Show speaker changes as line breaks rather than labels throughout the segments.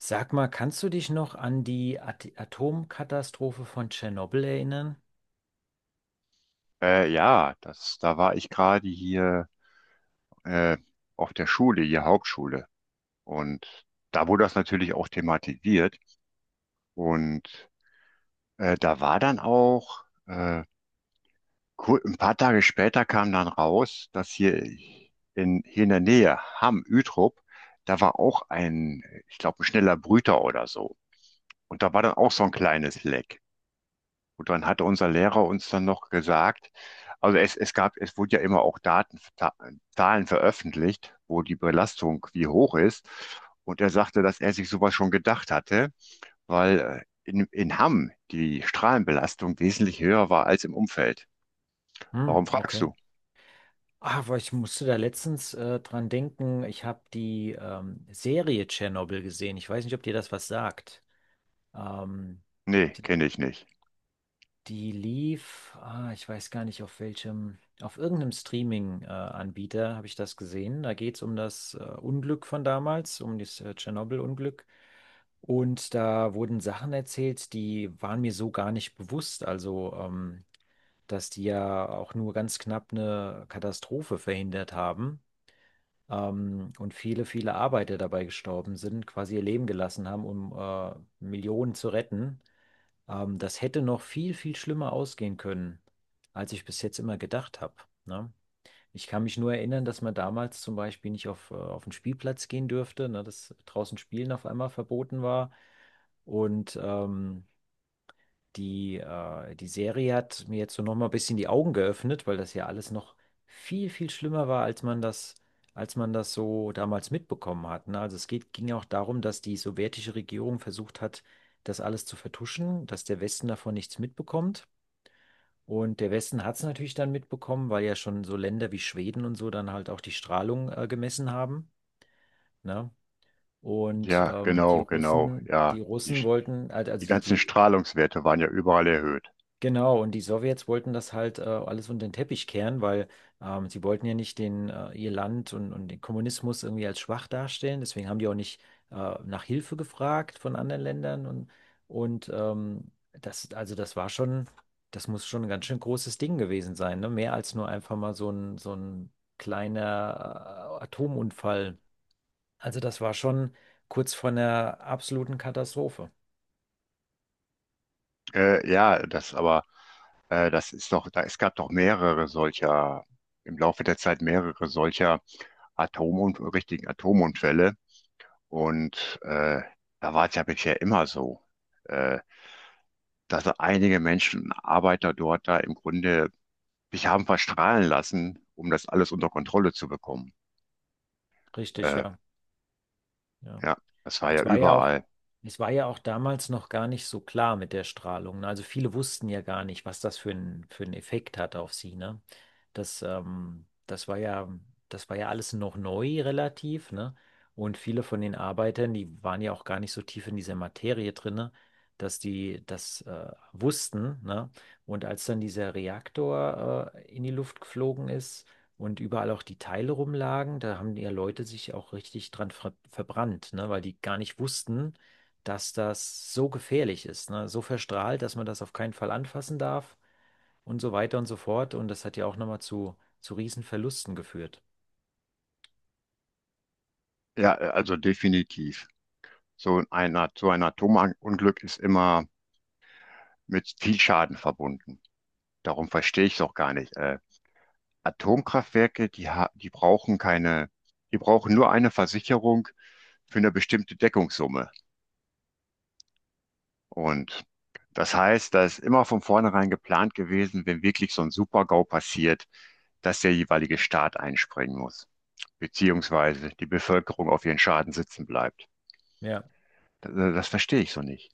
Sag mal, kannst du dich noch an die At Atomkatastrophe von Tschernobyl erinnern?
Ja, das, da war ich gerade hier äh, auf der Schule, hier Hauptschule. Und da wurde das natürlich auch thematisiert. Und da war dann auch, ein paar Tage später kam dann raus, dass hier in, hier in der Nähe, Hamm, Utrop, da war auch ein, ich glaube, ein schneller Brüter oder so. Und da war dann auch so ein kleines Leck. Und dann hatte unser Lehrer uns dann noch gesagt, also es gab, es wurde ja immer auch Daten, Zahlen veröffentlicht, wo die Belastung wie hoch ist. Und er sagte, dass er sich sowas schon gedacht hatte, weil in Hamm die Strahlenbelastung wesentlich höher war als im Umfeld. Warum
Hm,
fragst
okay.
du?
Ah, weil ich musste da letztens dran denken, ich habe die Serie Tschernobyl gesehen. Ich weiß nicht, ob dir das was sagt. Ähm,
Nee,
die,
kenne ich nicht.
Die lief, ich weiß gar nicht auf welchem, auf irgendeinem Streaming-Anbieter habe ich das gesehen. Da geht es um das Unglück von damals, um das Tschernobyl-Unglück. Und da wurden Sachen erzählt, die waren mir so gar nicht bewusst. Also, dass die ja auch nur ganz knapp eine Katastrophe verhindert haben. Und viele Arbeiter dabei gestorben sind, quasi ihr Leben gelassen haben, um Millionen zu retten. Das hätte noch viel, viel schlimmer ausgehen können, als ich bis jetzt immer gedacht habe. Ne? Ich kann mich nur erinnern, dass man damals zum Beispiel nicht auf, auf den Spielplatz gehen dürfte, ne? Dass draußen Spielen auf einmal verboten war. Und die Serie hat mir jetzt so nochmal ein bisschen die Augen geöffnet, weil das ja alles noch viel, viel schlimmer war, als man das so damals mitbekommen hat. Ne? Ging ja auch darum, dass die sowjetische Regierung versucht hat, das alles zu vertuschen, dass der Westen davon nichts mitbekommt. Und der Westen hat es natürlich dann mitbekommen, weil ja schon so Länder wie Schweden und so dann halt auch die Strahlung, gemessen haben. Ne? Und
Ja,
die
genau, genau,
Russen,
ja.
die
Die,
Russen wollten,
die
also die,
ganzen
die
Strahlungswerte waren ja überall erhöht.
Genau, und die Sowjets wollten das halt alles unter den Teppich kehren, weil sie wollten ja nicht ihr Land und den Kommunismus irgendwie als schwach darstellen. Deswegen haben die auch nicht nach Hilfe gefragt von anderen Ländern. Und ähm, also das war schon, das muss schon ein ganz schön großes Ding gewesen sein, ne? Mehr als nur einfach mal so ein kleiner Atomunfall. Also das war schon kurz vor einer absoluten Katastrophe.
Ja, das aber. Das ist doch, da, es gab doch mehrere im Laufe der Zeit mehrere solcher Atom richtigen Atomunfälle. Und da war es ja bisher immer so, äh, dass einige Menschen, Arbeiter dort da im Grunde sich haben verstrahlen lassen, um das alles unter Kontrolle zu bekommen.
Richtig,
Äh,
ja. Ja.
ja, das war ja
Es war ja auch,
überall.
Es war ja auch damals noch gar nicht so klar mit der Strahlung. Ne? Also viele wussten ja gar nicht, was das für einen Effekt hat auf sie, ne? Das, ähm, das war ja, Das war ja alles noch neu relativ, ne? Und viele von den Arbeitern, die waren ja auch gar nicht so tief in dieser Materie drinne, dass die das wussten, ne? Und als dann dieser Reaktor in die Luft geflogen ist, und überall auch die Teile rumlagen. Da haben ja Leute sich auch richtig dran verbrannt, ne? Weil die gar nicht wussten, dass das so gefährlich ist, ne? So verstrahlt, dass man das auf keinen Fall anfassen darf und so weiter und so fort. Und das hat ja auch nochmal zu Riesenverlusten geführt.
Ja, also definitiv. So ein, At- so ein Atomunglück ist immer mit viel Schaden verbunden. Darum verstehe ich es auch gar nicht. Atomkraftwerke, die brauchen keine, die brauchen nur eine Versicherung für eine bestimmte Deckungssumme. Und das heißt, da ist immer von vornherein geplant gewesen, wenn wirklich so ein Super-GAU passiert, dass der jeweilige Staat einspringen muss, beziehungsweise die Bevölkerung auf ihren Schaden sitzen bleibt.
Ja,
Das verstehe ich so nicht.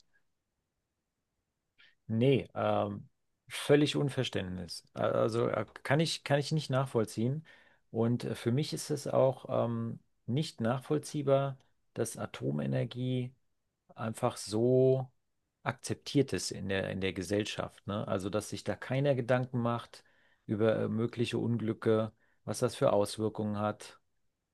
nee, völlig Unverständnis. Also kann ich nicht nachvollziehen. Und für mich ist es auch nicht nachvollziehbar, dass Atomenergie einfach so akzeptiert ist in der Gesellschaft, ne? Also, dass sich da keiner Gedanken macht über mögliche Unglücke, was das für Auswirkungen hat,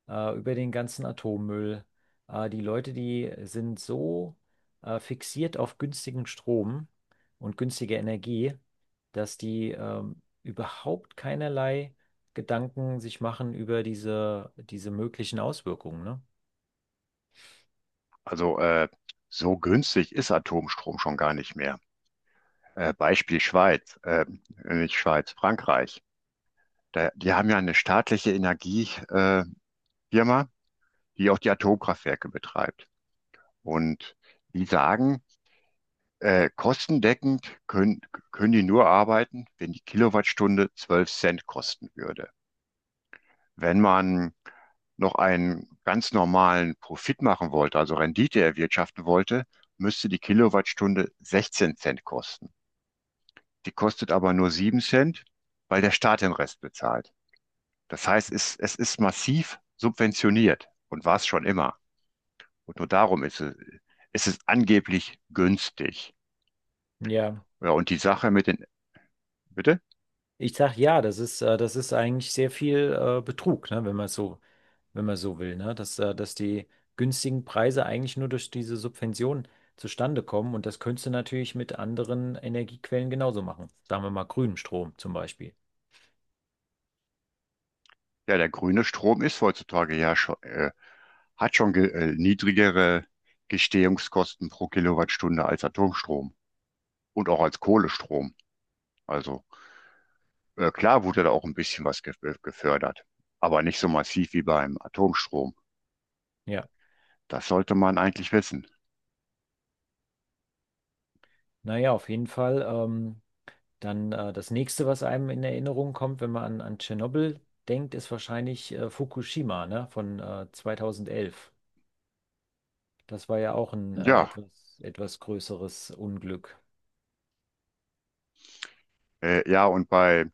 über den ganzen Atommüll. Die Leute, die sind so fixiert auf günstigen Strom und günstige Energie, dass die überhaupt keinerlei Gedanken sich machen über diese möglichen Auswirkungen, ne?
Also so günstig ist Atomstrom schon gar nicht mehr. Beispiel Schweiz, nicht Schweiz, Frankreich. Da, die haben ja eine staatliche Energie, äh, Firma, die auch die Atomkraftwerke betreibt. Und die sagen, kostendeckend können die nur arbeiten, wenn die Kilowattstunde 12 Cent kosten würde. Wenn man noch einen ganz normalen Profit machen wollte, also Rendite erwirtschaften wollte, müsste die Kilowattstunde 16 Cent kosten. Die kostet aber nur 7 Cent, weil der Staat den Rest bezahlt. Das heißt, es ist massiv subventioniert und war es schon immer. Und nur darum ist es angeblich günstig.
Ja.
Ja, und die Sache mit den, bitte?
Ich sag ja, das ist eigentlich sehr viel Betrug, ne, wenn man so will, ne? Dass die günstigen Preise eigentlich nur durch diese Subvention zustande kommen und das könntest du natürlich mit anderen Energiequellen genauso machen. Sagen wir mal grünem Strom zum Beispiel.
Ja, der grüne Strom ist heutzutage ja schon, hat schon ge niedrigere Gestehungskosten pro Kilowattstunde als Atomstrom und auch als Kohlestrom. Also klar wurde da auch ein bisschen was ge gefördert, aber nicht so massiv wie beim Atomstrom.
Ja.
Das sollte man eigentlich wissen.
Naja, auf jeden Fall. Dann das nächste, was einem in Erinnerung kommt, wenn man an Tschernobyl denkt, ist wahrscheinlich Fukushima, ne? Von 2011. Das war ja auch ein
Ja,
etwas größeres Unglück.
ja, und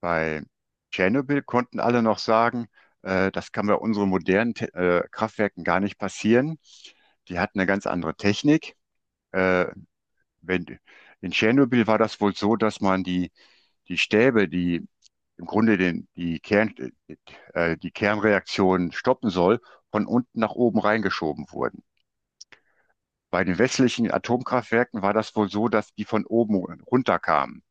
bei Tschernobyl konnten alle noch sagen, das kann bei unseren modernen Te Kraftwerken gar nicht passieren. Die hatten eine ganz andere Technik. Äh, wenn, In Tschernobyl war das wohl so, dass man die Stäbe, die im Grunde die die Kernreaktion stoppen soll, von unten nach oben reingeschoben wurden. Bei den westlichen Atomkraftwerken war das wohl so, dass die von oben runterkamen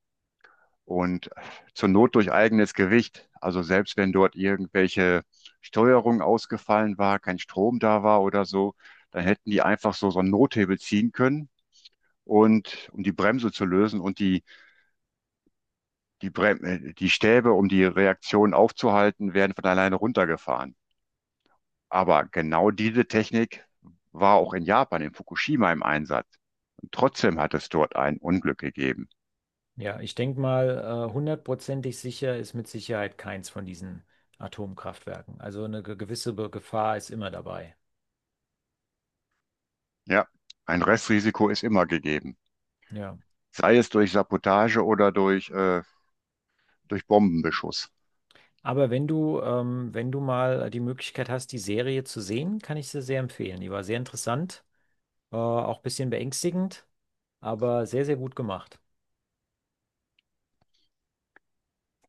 und zur Not durch eigenes Gewicht. Also selbst wenn dort irgendwelche Steuerung ausgefallen war, kein Strom da war oder so, dann hätten die einfach so einen Nothebel ziehen können und um die Bremse zu lösen und die Stäbe, um die Reaktion aufzuhalten, werden von alleine runtergefahren. Aber genau diese Technik war auch in Japan, in Fukushima im Einsatz. Und trotzdem hat es dort ein Unglück gegeben.
Ja, ich denke mal, hundertprozentig sicher ist mit Sicherheit keins von diesen Atomkraftwerken. Also eine gewisse Gefahr ist immer dabei.
Ja, ein Restrisiko ist immer gegeben.
Ja.
Sei es durch Sabotage oder durch Bombenbeschuss.
Aber wenn du, wenn du mal die Möglichkeit hast, die Serie zu sehen, kann ich sie sehr empfehlen. Die war sehr interessant, auch ein bisschen beängstigend, aber sehr, sehr gut gemacht.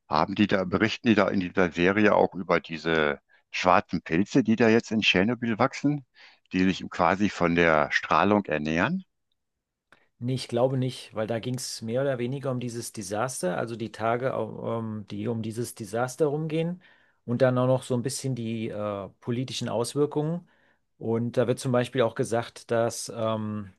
Haben die da, berichten die da in dieser Serie auch über diese schwarzen Pilze, die da jetzt in Tschernobyl wachsen, die sich quasi von der Strahlung ernähren?
Nee, ich glaube nicht, weil da ging es mehr oder weniger um dieses Desaster, also die Tage, die um dieses Desaster rumgehen und dann auch noch so ein bisschen die politischen Auswirkungen. Und da wird zum Beispiel auch gesagt,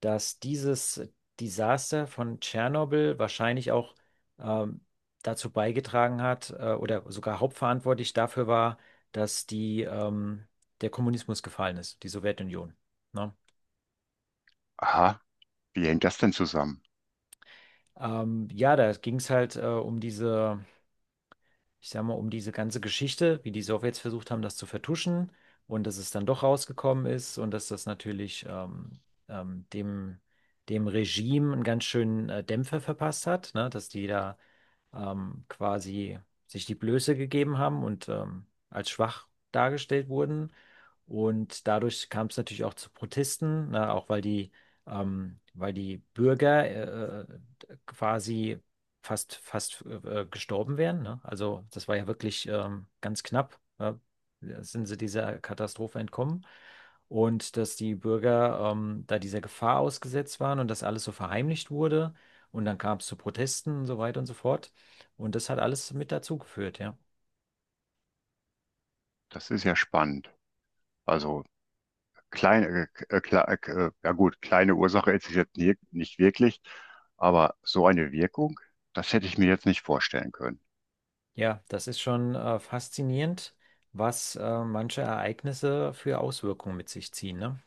dass dieses Desaster von Tschernobyl wahrscheinlich auch ähm, dazu beigetragen hat oder sogar hauptverantwortlich dafür war, dass der Kommunismus gefallen ist, die Sowjetunion. Ne?
Aha, wie hängt das denn zusammen?
Ja, da ging es halt ich sag mal, um diese ganze Geschichte, wie die Sowjets versucht haben, das zu vertuschen und dass es dann doch rausgekommen ist und dass das natürlich ähm, dem, dem Regime einen ganz schönen Dämpfer verpasst hat, ne? Dass die da quasi sich die Blöße gegeben haben und als schwach dargestellt wurden. Und dadurch kam es natürlich auch zu Protesten, ne, weil die Bürger quasi fast gestorben wären. Ne? Also das war ja wirklich ganz knapp, ne? Sind sie dieser Katastrophe entkommen. Und dass die Bürger da dieser Gefahr ausgesetzt waren und das alles so verheimlicht wurde. Und dann kam es zu Protesten und so weiter und so fort. Und das hat alles mit dazu geführt, ja.
Das ist ja spannend. Also ja gut, kleine Ursache ist es jetzt nicht wirklich, aber so eine Wirkung, das hätte ich mir jetzt nicht vorstellen können.
Ja, das ist schon faszinierend, was manche Ereignisse für Auswirkungen mit sich ziehen, ne?